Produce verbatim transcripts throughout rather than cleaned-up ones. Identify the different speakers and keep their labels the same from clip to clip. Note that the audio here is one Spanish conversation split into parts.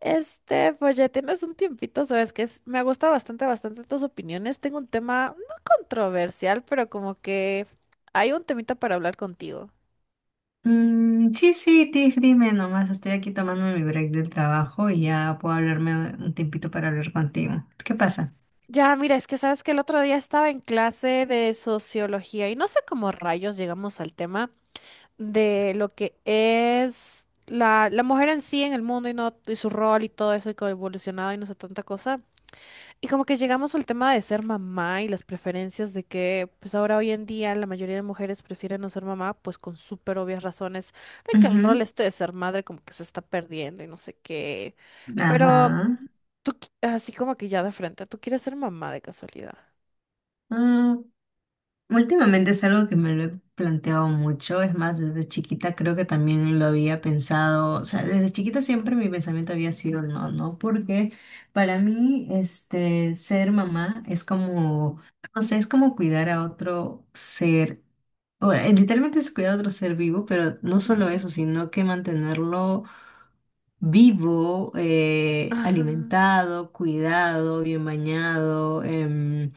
Speaker 1: Este, pues ya tienes un tiempito, sabes que es- me gusta bastante, bastante tus opiniones. Tengo un tema no controversial, pero como que hay un temita para hablar contigo.
Speaker 2: Mm, sí, sí, di- dime nomás, estoy aquí tomando mi break del trabajo y ya puedo hablarme un tiempito para hablar contigo. ¿Qué pasa?
Speaker 1: Ya, mira, es que sabes que el otro día estaba en clase de sociología y no sé cómo rayos llegamos al tema de lo que es la, la mujer en sí en el mundo y, no, y su rol y todo eso y cómo ha evolucionado y no sé tanta cosa. Y como que llegamos al tema de ser mamá y las preferencias de que, pues ahora hoy en día la mayoría de mujeres prefieren no ser mamá, pues con súper obvias razones, de que el rol
Speaker 2: Ujú.
Speaker 1: este de ser madre como que se está perdiendo y no sé qué. Pero
Speaker 2: Ajá.
Speaker 1: tú, qui- así como que ya de frente, ¿tú quieres ser mamá de casualidad?
Speaker 2: Mm, Últimamente es algo que me lo he planteado mucho, es más, desde chiquita creo que también lo había pensado, o sea, desde chiquita siempre mi pensamiento había sido el no, ¿no? Porque para mí, este, ser mamá es como, no sé, es como cuidar a otro ser O, eh, literalmente es cuidar a otro ser vivo, pero no solo
Speaker 1: Ujú.
Speaker 2: eso, sino que mantenerlo vivo, eh,
Speaker 1: Ajá,
Speaker 2: alimentado, cuidado, bien bañado, em,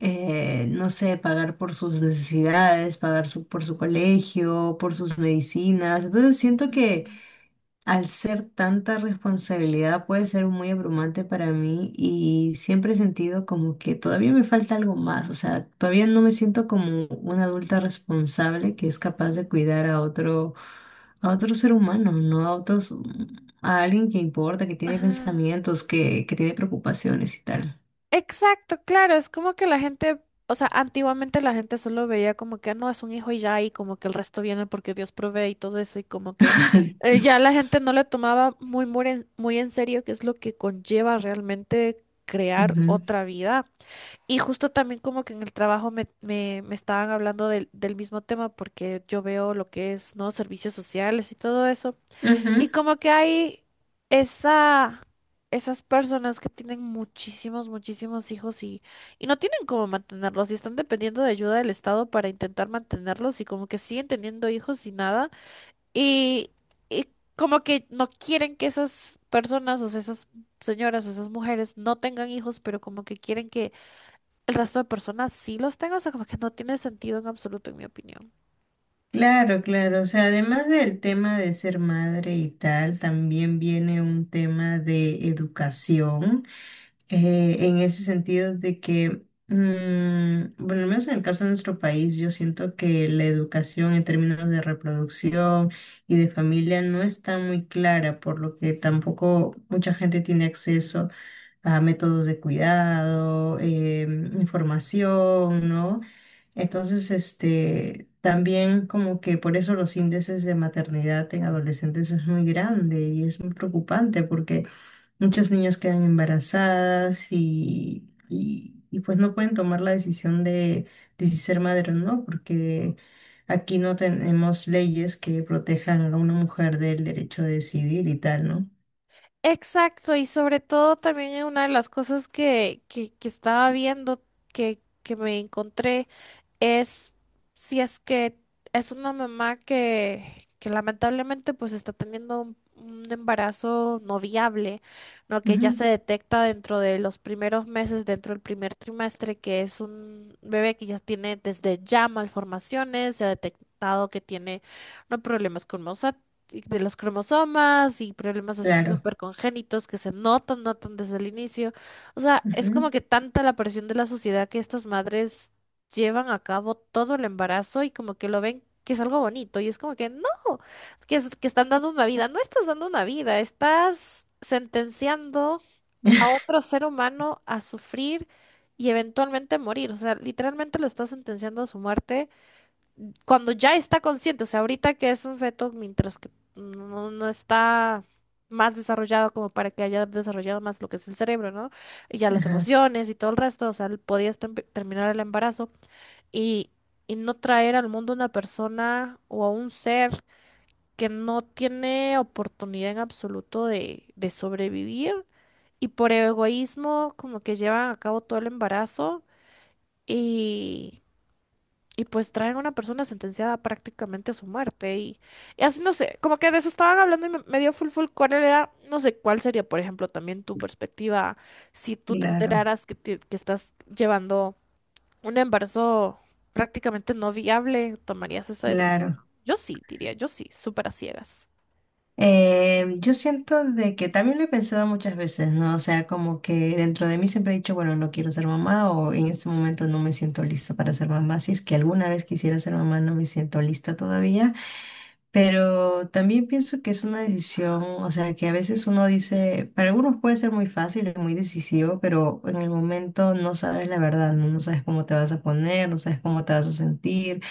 Speaker 2: eh, no sé, pagar por sus necesidades, pagar su- por su colegio, por sus medicinas. Entonces siento
Speaker 1: ujú,
Speaker 2: que al ser tanta responsabilidad puede ser muy abrumante para mí y siempre he sentido como que todavía me falta algo más, o sea, todavía no me siento como una adulta responsable que es capaz de cuidar a otro, a otro ser humano, no a otros, a alguien que importa, que tiene
Speaker 1: ajá.
Speaker 2: pensamientos, que, que tiene preocupaciones y tal.
Speaker 1: Exacto, claro, es como que la gente, o sea, antiguamente la gente solo veía como que no es un hijo y ya, y como que el resto viene porque Dios provee y todo eso, y como que eh, ya la gente no le tomaba muy, muy en, muy en serio qué es lo que conlleva realmente crear
Speaker 2: Ujú,
Speaker 1: otra vida. Y justo también como que en el trabajo me, me, me estaban hablando del del mismo tema porque yo veo lo que es, ¿no? Servicios sociales y todo eso. Y
Speaker 2: ujú.
Speaker 1: como que hay esa, esas personas que tienen muchísimos, muchísimos hijos y, y no tienen cómo mantenerlos y están dependiendo de ayuda del Estado para intentar mantenerlos y como que siguen teniendo hijos y nada. Y, y como que no quieren que esas personas, o sea, esas señoras o esas mujeres no tengan hijos, pero como que quieren que el resto de personas sí los tengan. O sea, como que no tiene sentido en absoluto, en mi opinión.
Speaker 2: Claro, claro. O sea, además del tema de ser madre y tal, también viene un tema de educación. Eh, en ese sentido de que, mm, bueno, al menos en el caso de nuestro país, yo siento que la educación en términos de reproducción y de familia no está muy clara, por lo que tampoco mucha gente tiene acceso a métodos de cuidado, em, información, ¿no? Entonces, este... también como que por eso los índices de maternidad en adolescentes es muy grande y es muy preocupante porque muchas niñas quedan embarazadas y, y- y, pues no pueden tomar la decisión de, de si ser madre o no, porque aquí no tenemos leyes que protejan a una mujer del derecho de decidir y tal, ¿no?
Speaker 1: Exacto, y sobre todo también es una de las cosas que, que, que estaba viendo, que, que me encontré es si es que es una mamá que, que lamentablemente pues está teniendo un, un embarazo no viable, ¿no? Que ya
Speaker 2: Ujú.
Speaker 1: se detecta dentro de los primeros meses, dentro del primer trimestre, que es un bebé que ya tiene desde ya malformaciones, se ha detectado que tiene no problemas con mosa- de los cromosomas y problemas así
Speaker 2: Claro.
Speaker 1: súper congénitos que se notan, notan desde el inicio. O sea, es
Speaker 2: Ujú.
Speaker 1: como que tanta la presión de la sociedad que estas madres llevan a cabo todo el embarazo y como que lo ven que es algo bonito y es como que no, es que, es- que están dando una vida, no estás dando una vida, estás sentenciando a otro ser humano a sufrir y eventualmente morir, o sea, literalmente lo estás sentenciando a su muerte cuando ya está consciente, o sea, ahorita que es un feto mientras que no, no está más desarrollado como para que haya desarrollado más lo que es el cerebro, ¿no? Y ya las
Speaker 2: Ajá,
Speaker 1: emociones y todo el resto, o sea, él podía estem- terminar el embarazo y, y no traer al mundo una persona o a un ser que no tiene oportunidad en absoluto de, de sobrevivir y por egoísmo como que llevan a cabo todo el embarazo y, y pues traen a una persona sentenciada prácticamente a su muerte y, y así no sé, como que de eso estaban hablando y me, me dio full full cuál era, no sé cuál sería por ejemplo también tu perspectiva si tú te
Speaker 2: claro,
Speaker 1: enteraras que, te- que estás llevando un embarazo prácticamente no viable, ¿tomarías esa decisión?
Speaker 2: claro.
Speaker 1: Yo sí, diría, yo sí, súper a ciegas.
Speaker 2: Eh, yo siento de que también lo he pensado muchas veces, ¿no? O sea, como que dentro de mí siempre he dicho, bueno, no quiero ser mamá o en este momento no me siento lista para ser mamá. Si es que alguna vez quisiera ser mamá, no me siento lista todavía. Pero también pienso que es una decisión, o sea, que a veces uno dice, para algunos puede ser muy fácil y muy decisivo, pero en el momento no sabes la verdad, ¿no? No sabes cómo te vas a poner, no sabes cómo te vas a sentir.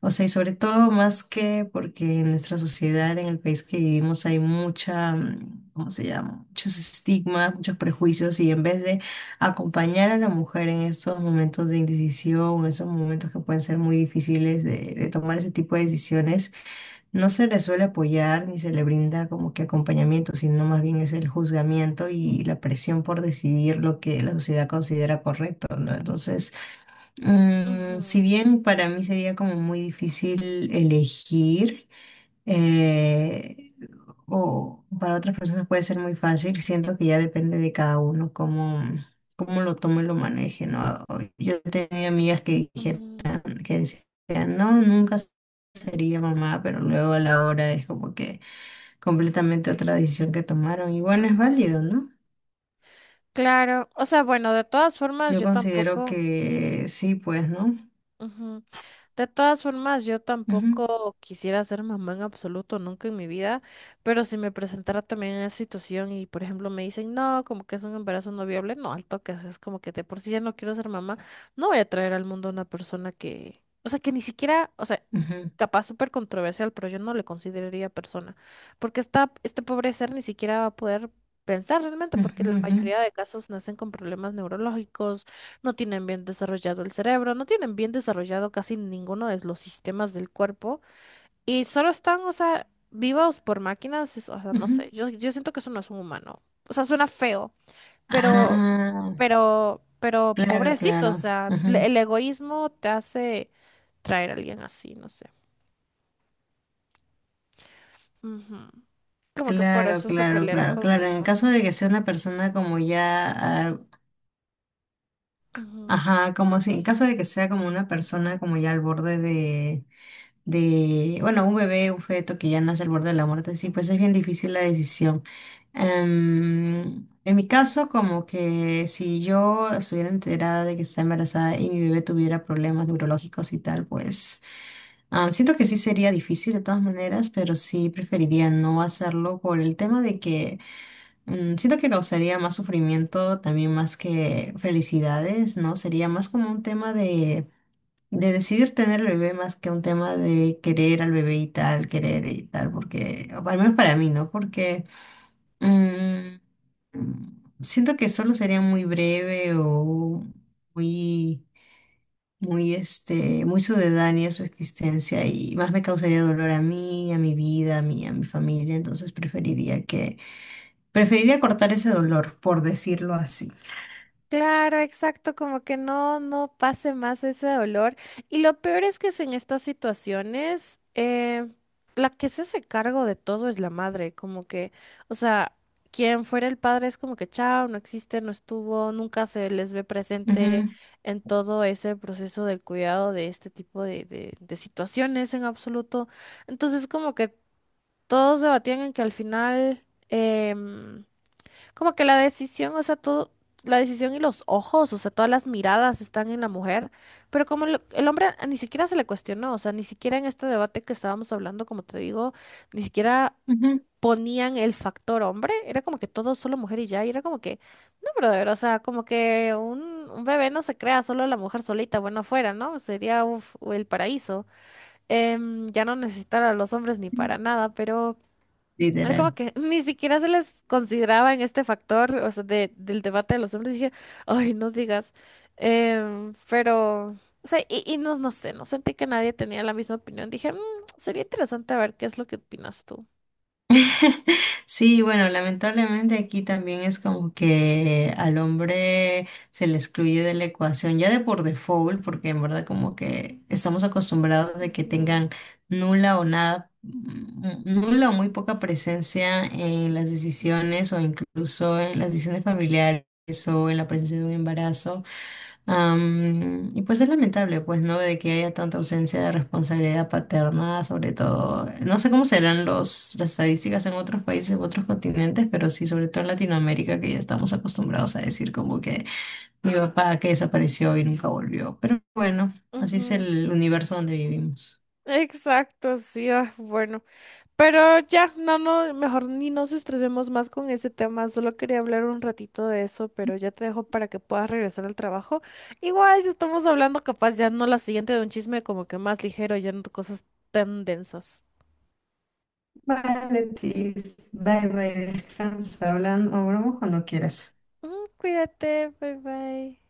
Speaker 2: O sea, y sobre todo más que porque en nuestra sociedad, en el país que vivimos, hay mucha, mm, ¿cómo se llama? Muchos estigmas, muchos prejuicios, y en vez de acompañar a la mujer en estos momentos de indecisión, en esos momentos que pueden ser muy difíciles de, de tomar ese tipo de decisiones, no se le suele apoyar ni se le brinda como que acompañamiento, sino más bien es el juzgamiento y la presión por decidir lo que la sociedad considera correcto, ¿no? Entonces... Mm, si
Speaker 1: Ujú,
Speaker 2: bien para mí sería como muy difícil elegir, eh, o para otras personas puede ser muy fácil, siento que ya depende de cada uno cómo, cómo lo tome y lo maneje, ¿no? O- Yo tenía amigas que dijeron,
Speaker 1: ujú.
Speaker 2: que decían, no, nunca sería mamá, pero luego a la hora es como que completamente otra decisión que tomaron. Y bueno, es válido, ¿no?
Speaker 1: Claro, o sea, bueno, de todas formas,
Speaker 2: Yo
Speaker 1: yo
Speaker 2: considero
Speaker 1: tampoco.
Speaker 2: que sí, pues, ¿no?
Speaker 1: Ujú. De todas formas, yo
Speaker 2: Ujú,
Speaker 1: tampoco quisiera ser mamá en absoluto, nunca en mi vida, pero si me presentara también en esa situación y, por ejemplo, me dicen, no, como que es un embarazo no viable, no, al toque, o sea, es como que de por sí ya no quiero ser mamá, no voy a traer al mundo a una persona que, o sea, que ni siquiera, o sea,
Speaker 2: ujú,
Speaker 1: capaz súper controversial, pero yo no le consideraría persona, porque esta, este pobre ser ni siquiera va a poder pensar realmente, porque
Speaker 2: ujú,
Speaker 1: la
Speaker 2: ujú,
Speaker 1: mayoría de casos nacen con problemas neurológicos no tienen bien desarrollado el cerebro, no tienen bien desarrollado casi ninguno de los sistemas del cuerpo y solo están, o sea, vivos por máquinas, es- o sea, no
Speaker 2: ujú.
Speaker 1: sé, yo, yo siento que eso no es un humano, o sea, suena feo, pero,
Speaker 2: Ah,
Speaker 1: pero, pero
Speaker 2: claro,
Speaker 1: pobrecito, o
Speaker 2: claro.
Speaker 1: sea, le-
Speaker 2: Ujú.
Speaker 1: el egoísmo te hace traer a alguien así, no sé. Ujú. Como que por
Speaker 2: Claro,
Speaker 1: eso se
Speaker 2: claro,
Speaker 1: pelearon
Speaker 2: claro, claro. En
Speaker 1: conmigo.
Speaker 2: caso de que sea una persona como ya, ah,
Speaker 1: Ujú.
Speaker 2: ajá, como si, en caso de que sea como una persona como ya al borde de, de, bueno, un bebé, un feto que ya nace al borde de la muerte, sí, pues es bien difícil la decisión. Em, en mi caso, como que si yo estuviera enterada de que está embarazada y mi bebé tuviera problemas neurológicos y tal, pues... Ah, siento que sí sería difícil de todas maneras, pero sí preferiría no hacerlo por el tema de que mm, siento que causaría más sufrimiento también más que felicidades, ¿no? Sería más como un tema de, de decidir tener el bebé más que un tema de querer al bebé y tal, querer y tal, porque, o al menos para mí, ¿no? Porque mm, mm, siento que solo sería muy breve o muy muy, este, muy sucedánea su existencia y más me causaría dolor a mí, a mi vida, a mí, a mi familia, entonces preferiría que, preferiría cortar ese dolor, por decirlo así.
Speaker 1: Claro, exacto, como que no, no pase más ese dolor. Y lo peor es que es en estas situaciones, eh, la que se hace cargo de todo es la madre, como que, o sea, quien fuera el padre es como que chao, no existe, no estuvo, nunca se les ve presente
Speaker 2: Ujú,
Speaker 1: en todo ese proceso del cuidado de este tipo de, de, de situaciones en absoluto. Entonces, como que todos debatían en que al final, em, como que la decisión, o sea, todo, la decisión y los ojos, o sea, todas las miradas están en la mujer, pero como lo- el hombre a- ni siquiera se le cuestionó, o sea, ni siquiera en este debate que estábamos hablando, como te digo, ni siquiera
Speaker 2: ujú.
Speaker 1: ponían el factor hombre, era como que todo solo mujer y ya, y era como que, no, brother, o sea, como que un, un, bebé no se crea solo la mujer solita, bueno, afuera, ¿no? Sería uf, el paraíso. Em, ya no necesitar a los hombres ni para nada, pero... Era como
Speaker 2: Literal.
Speaker 1: que ni siquiera se les consideraba en este factor, o sea, de, del debate de los hombres. Dije, ay, no digas. Em, pero, o sea, y, y no, no sé, no sentí que nadie tenía la misma opinión. Dije, "Mm, sería interesante ver qué es lo que opinas tú.
Speaker 2: Sí, bueno, lamentablemente aquí también es como que al hombre se le excluye de la ecuación ya de por default, porque en verdad como que estamos acostumbrados de que
Speaker 1: Ujú.
Speaker 2: tengan nula o nada, mm, nula o muy poca presencia en las decisiones o incluso en las decisiones familiares o en la presencia de un embarazo. Am, y pues es lamentable, pues, ¿no? De que haya tanta ausencia de responsabilidad paterna, sobre todo, no sé cómo serán los, las estadísticas en otros países, en otros continentes, pero sí, sobre todo en Latinoamérica, que ya estamos acostumbrados a decir como que mi papá que desapareció y nunca volvió. Pero bueno, así es
Speaker 1: Ujú.
Speaker 2: el universo donde vivimos.
Speaker 1: Exacto, sí, ah, bueno. Pero ya, no, no, mejor ni nos estresemos más con ese tema. Solo quería hablar un ratito de eso, pero ya te dejo para que puedas regresar al trabajo. Igual ya estamos hablando capaz ya no la siguiente de un chisme como que más ligero, ya no de cosas tan densas.
Speaker 2: Vale, Tiff. Bye, bye. Descansa. Hablando, hablamos cuando quieras.
Speaker 1: Ujú. Cuídate, bye bye.